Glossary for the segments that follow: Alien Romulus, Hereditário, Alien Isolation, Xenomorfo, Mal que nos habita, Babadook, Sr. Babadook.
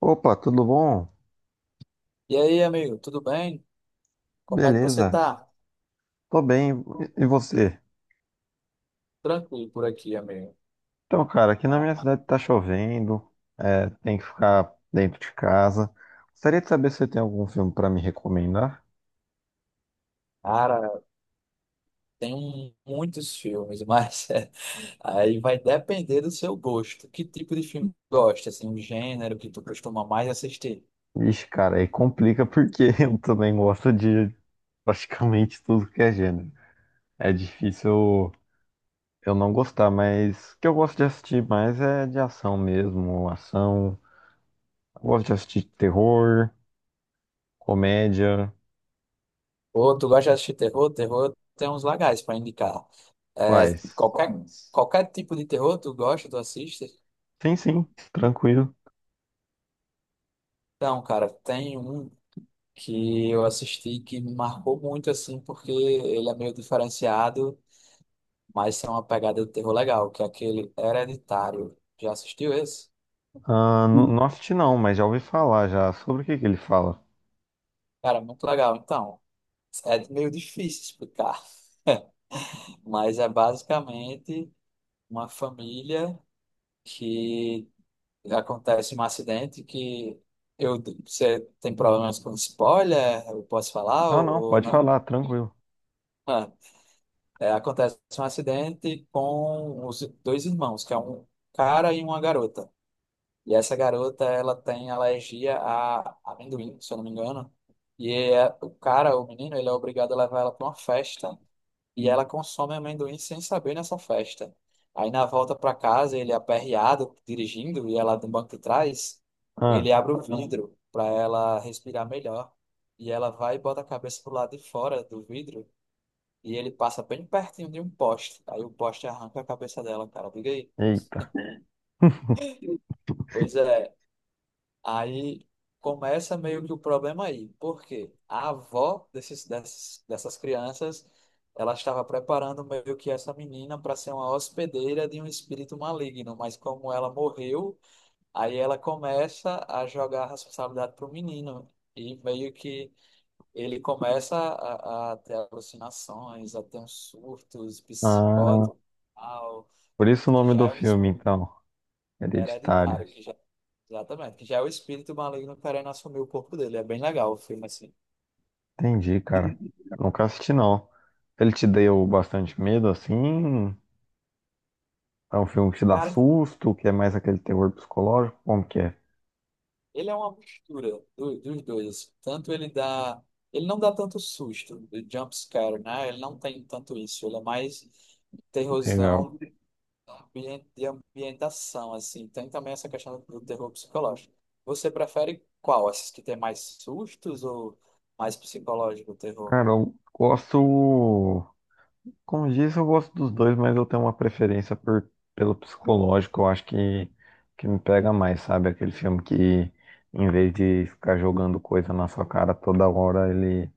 Opa, tudo bom? E aí, amigo, tudo bem? Como é que você Beleza, tá? tô bem. E você? Tranquilo por aqui, amigo. Então, cara, aqui na minha cidade tá chovendo, é, tem que ficar dentro de casa. Gostaria de saber se você tem algum filme pra me recomendar. Cara, muitos filmes, mas aí vai depender do seu gosto. Que tipo de filme tu gosta? Assim, o gênero que tu costuma mais assistir? Ixi, cara, aí complica porque eu também gosto de praticamente tudo que é gênero. É difícil eu não gostar, mas o que eu gosto de assistir mais é de ação mesmo, ação. Eu gosto de assistir terror, comédia. Ou tu gosta de assistir terror? Terror tem uns legais para indicar. É, Quais? qualquer, qualquer tipo de terror tu gosta, tu assiste? Sim, sim, tranquilo. Então, cara, tem um que eu assisti que me marcou muito, assim, porque ele é meio diferenciado. Mas é uma pegada de terror legal, que é aquele Hereditário. Já assistiu esse? Ah, no Uhum. Noft não, mas já ouvi falar já. Sobre o que ele fala? Cara, muito legal. Então, é meio difícil explicar, mas é basicamente uma família que acontece um acidente que você tem problemas com spoiler? Eu posso falar Não, não, ou pode falar, não? tranquilo. Ah, é, acontece um acidente com os dois irmãos, que é um cara e uma garota. E essa garota, ela tem alergia a amendoim, se eu não me engano. O cara, o menino, ele é obrigado a levar ela para uma festa e ela consome amendoim sem saber nessa festa. Aí na volta para casa, ele é aperreado, dirigindo, e ela no banco de trás, Ah, ele abre o vidro para ela respirar melhor. E ela vai e bota a cabeça pro lado de fora do vidro e ele passa bem pertinho de um poste. Aí o poste arranca a cabeça dela, cara. Diga aí. eita. Pois é. Aí começa meio que o problema aí, porque a avó dessas crianças, ela estava preparando meio que essa menina para ser uma hospedeira de um espírito maligno, mas como ela morreu, aí ela começa a jogar a responsabilidade para o menino, e meio que ele começa a ter alucinações, a ter uns surtos Ah, psicóticos, tal, por isso o que nome já do é um filme, então. Hereditário. Hereditário, que já, exatamente, que já é o espírito maligno querendo assumir o corpo dele. É bem legal o filme, assim. Entendi, cara. Nunca assisti, não. Ele te deu bastante medo, assim? É um filme que te dá Cara, susto, que é mais aquele terror psicológico? Como que é? ele é uma mistura dos dois. Tanto ele dá. Ele não dá tanto susto, do jump scare, né? Ele não tem tanto isso. Ele é mais Legal. terrorzão de ambientação, assim. Tem também essa questão do terror psicológico. Você prefere qual? Esses que tem mais sustos ou mais psicológico o terror? Cara, eu gosto. Como diz, eu gosto dos dois, mas eu tenho uma preferência pelo psicológico. Eu acho que me pega mais, sabe? Aquele filme que, em vez de ficar jogando coisa na sua cara toda hora, ele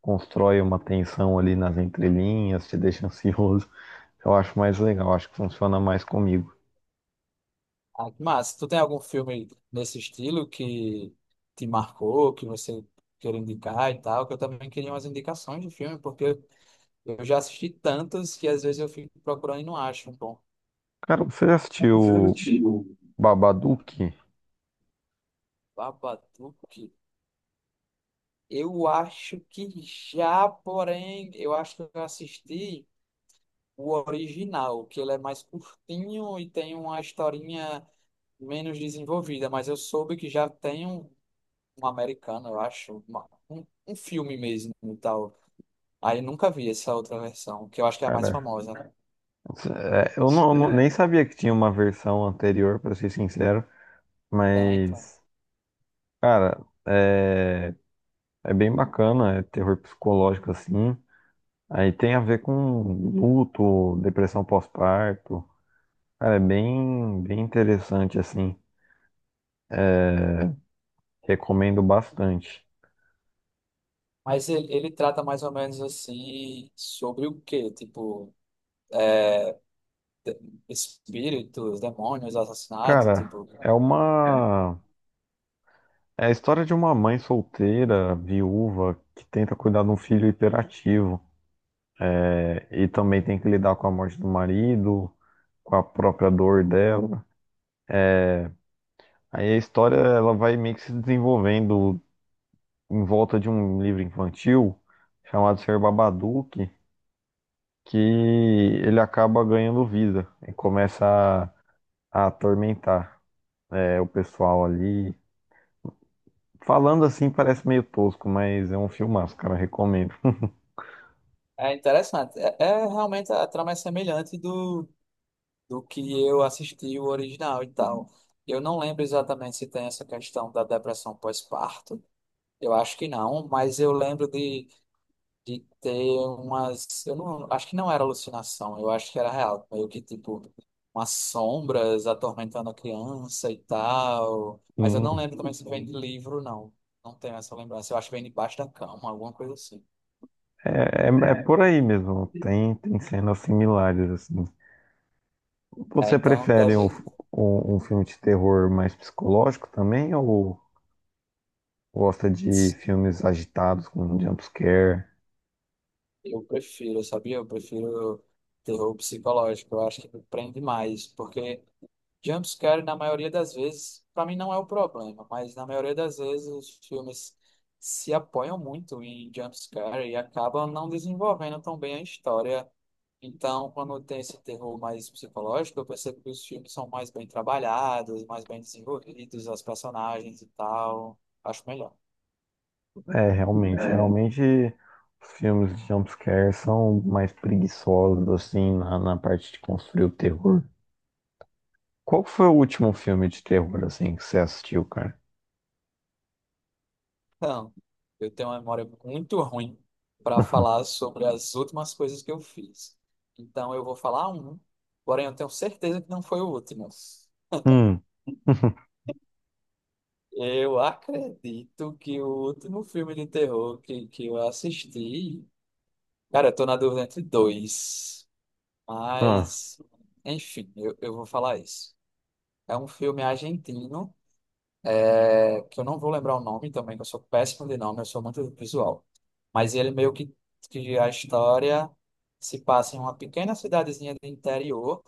constrói uma tensão ali nas entrelinhas, te deixa ansioso. Eu acho mais legal, acho que funciona mais comigo. Ah, que massa. Tu tem algum filme nesse estilo que te marcou, que você quer indicar e tal? Que eu também queria umas indicações de filme, porque eu já assisti tantos que às vezes eu fico procurando e não acho um bom. Cara, você já assistiu Antigo. Babadook? Babadook, eu acho que já, porém, eu acho que eu assisti o original, que ele é mais curtinho e tem uma historinha menos desenvolvida, mas eu soube que já tem um americano, eu acho, um filme mesmo e tal. Aí nunca vi essa outra versão, que eu acho que é a mais Cara, famosa, né? é, eu não- nem sabia que tinha uma versão anterior, pra ser sincero, Tá, então. mas, cara. É... É bem bacana, é terror psicológico assim. Aí tem a ver com luto, depressão pós-parto. Cara, é bem interessante assim. Recomendo bastante. Mas ele trata mais ou menos assim sobre o quê? Tipo, espíritos, demônios, assassinato, Cara, tipo. é uma é a história de uma mãe solteira, viúva, que tenta cuidar de um filho hiperativo. É, e também tem que lidar com a morte do marido, com a própria dor dela. Aí a história ela vai meio que se desenvolvendo em volta de um livro infantil chamado Sr. Babadook, que ele acaba ganhando vida e começa a atormentar é, o pessoal ali. Falando assim parece meio tosco, mas é um filmaço, cara, recomendo. É interessante. É realmente a trama é semelhante do que eu assisti o original e tal. Eu não lembro exatamente se tem essa questão da depressão pós-parto. Eu acho que não, mas eu lembro de ter umas. Eu não acho que não era alucinação, eu acho que era real. Meio que tipo, umas sombras atormentando a criança e tal. Mas eu não Sim, lembro também se vem de livro, não. Não tenho essa lembrança. Eu acho que vem debaixo da cama, alguma coisa assim. é, é por aí mesmo, tem cenas similares assim. É, Você então prefere deve. Um filme de terror mais psicológico também ou gosta de filmes agitados com jump scare? Eu prefiro, sabia? Eu prefiro terror psicológico. Eu acho que me prende mais, porque. Jumpscare, na maioria das vezes, para mim não é o problema, mas na maioria das vezes os filmes se apoiam muito em jumpscare e acabam não desenvolvendo tão bem a história. Então, quando tem esse terror mais psicológico, eu percebo que os filmes são mais bem trabalhados, mais bem desenvolvidos, as personagens e tal. Acho melhor. É, realmente os filmes de jumpscare são mais preguiçosos, assim, na parte de construir o terror. Qual que foi o último filme de terror, assim, que você assistiu, cara? Então, eu tenho uma memória muito ruim para falar sobre as últimas coisas que eu fiz. Então, eu vou falar um, porém eu tenho certeza que não foi o último. Hum. Eu acredito que o último filme de terror que eu assisti. Cara, eu tô na dúvida entre dois. Ah, Mas, enfim, eu vou falar isso. É um filme argentino, que eu não vou lembrar o nome também, que eu sou péssimo de nome, eu sou muito visual. Mas ele meio que a história se passa em uma pequena cidadezinha do interior.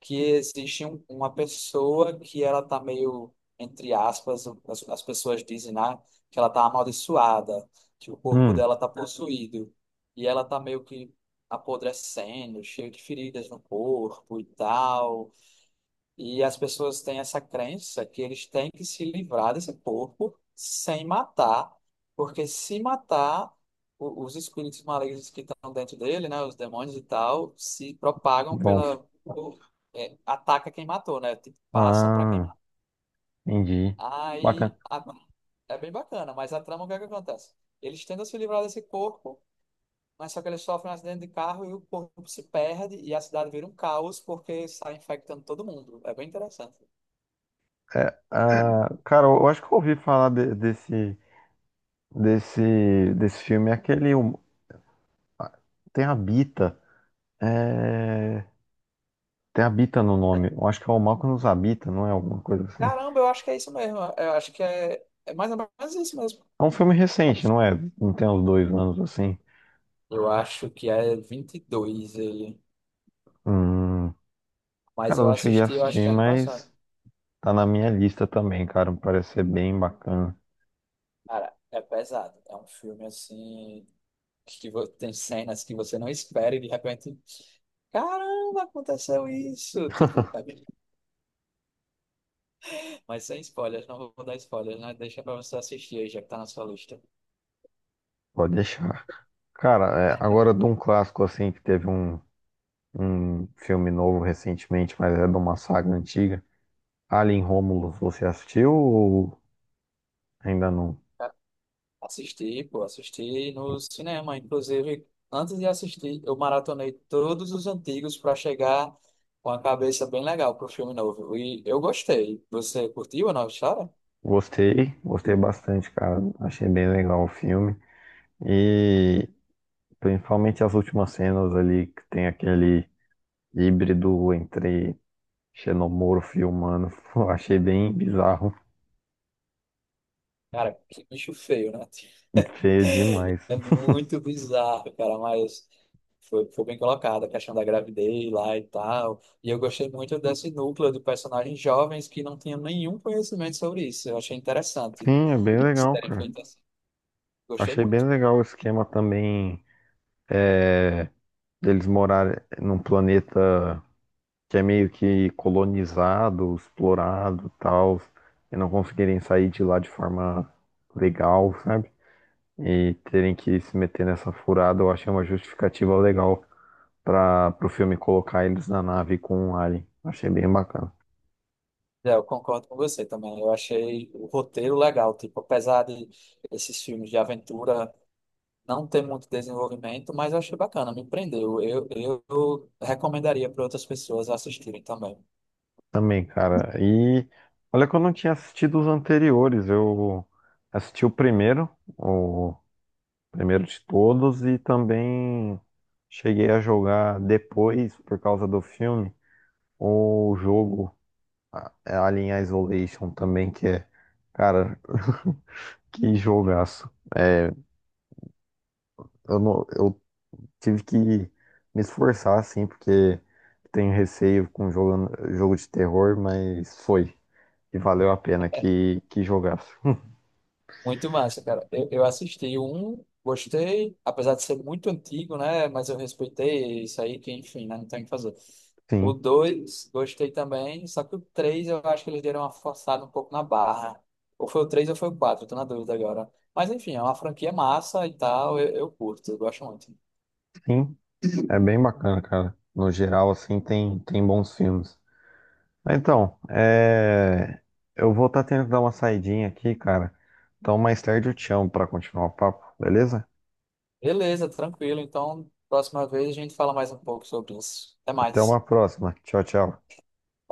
Que existe uma pessoa que ela tá meio, entre aspas, as pessoas dizem, né, que ela tá amaldiçoada, que o corpo hum, dela tá possuído, e ela tá meio que apodrecendo, cheio de feridas no corpo e tal. E as pessoas têm essa crença que eles têm que se livrar desse corpo sem matar, porque se matar, os espíritos malignos que estão dentro dele, né, os demônios e tal, se propagam bons. pela. É, ataca quem matou, né? Tipo, passa para quem Ah, matou. entendi. Bacana. Aí a- é bem bacana, mas a trama, o que é que acontece? Eles tentam se livrar desse corpo, mas só que eles sofrem um acidente de carro e o corpo se perde e a cidade vira um caos porque sai infectando todo mundo. É bem interessante. É, ah, cara, eu acho que eu ouvi falar de- desse filme, é aquele, ah, tem Habita, é, tem Habita no nome, eu acho que é o Mal que nos habita, não é alguma coisa assim? Caramba, eu acho que é isso mesmo. Eu acho que é mais ou menos isso mesmo. É um filme recente, não é? Não tem uns dois anos assim. Eu acho que é 22 ele. Hum, Mas cara, eu eu não cheguei a assisti, eu acho que assistir, ano passado. mas tá na minha lista também, cara. Parece ser bem bacana. Cara, é pesado. É um filme assim. Tem cenas que você não espera e de repente. Caramba, aconteceu isso! Mas sem spoilers, não vou dar spoilers, né? Deixa pra você assistir aí, já que tá na sua lista. Pode deixar. Cara, é, agora de um clássico assim, que teve um filme novo recentemente, mas é de uma saga antiga. Alien Romulus, você assistiu ou ainda não? Assisti, pô, assisti no cinema. Inclusive, antes de assistir, eu maratonei todos os antigos para chegar com a cabeça bem legal pro filme novo. E eu gostei. Você curtiu a nova história? Gostei, gostei bastante, cara. Achei bem legal o filme. E principalmente as últimas cenas ali, que tem aquele híbrido entre Xenomorfo e humano. Pô, achei bem bizarro. Cara, que bicho feio, né? Feio demais. É muito bizarro, cara, mas foi bem colocado a questão da gravidez lá e tal. E eu gostei muito desse núcleo de personagens jovens que não tinham nenhum conhecimento sobre isso. Eu achei interessante. Sim, é bem Eles legal, terem cara. feito assim. Gostei Achei muito. bem legal o esquema também é, deles morarem num planeta que é meio que colonizado, explorado, tal, e não conseguirem sair de lá de forma legal, sabe? E terem que se meter nessa furada, eu achei uma justificativa legal para o filme colocar eles na nave com um alien. Achei bem bacana. É, eu concordo com você também. Eu achei o roteiro legal, tipo, apesar de esses filmes de aventura não ter muito desenvolvimento, mas eu achei bacana, me prendeu. Eu recomendaria para outras pessoas assistirem também. Também, cara. E olha que eu não tinha assistido os anteriores. Eu assisti o primeiro de todos, e também cheguei a jogar depois, por causa do filme, o jogo a- é Alien Isolation também, que é, cara, que jogaço. É, eu não, eu tive que me esforçar, assim, porque tenho receio com jogo de terror, mas foi. Que valeu a pena que jogasse. Muito massa, cara. Eu assisti um, gostei, apesar de ser muito antigo, né? Mas eu respeitei isso aí, que enfim, né? Não tem o que fazer. O Sim, dois gostei também, só que o três eu acho que eles deram uma forçada um pouco na barra. Ou foi o três ou foi o quatro tô na dúvida agora. Mas enfim, é uma franquia massa e tal, eu curto, eu gosto muito. sim. É bem bacana, cara. No geral, assim, tem bons filmes. Então, é... eu vou estar tendo que dar uma saidinha aqui, cara. Então, mais tarde eu te chamo para continuar o papo, beleza? Beleza, tranquilo. Então, próxima vez a gente fala mais um pouco sobre isso. Até Até mais. uma próxima. Tchau, tchau.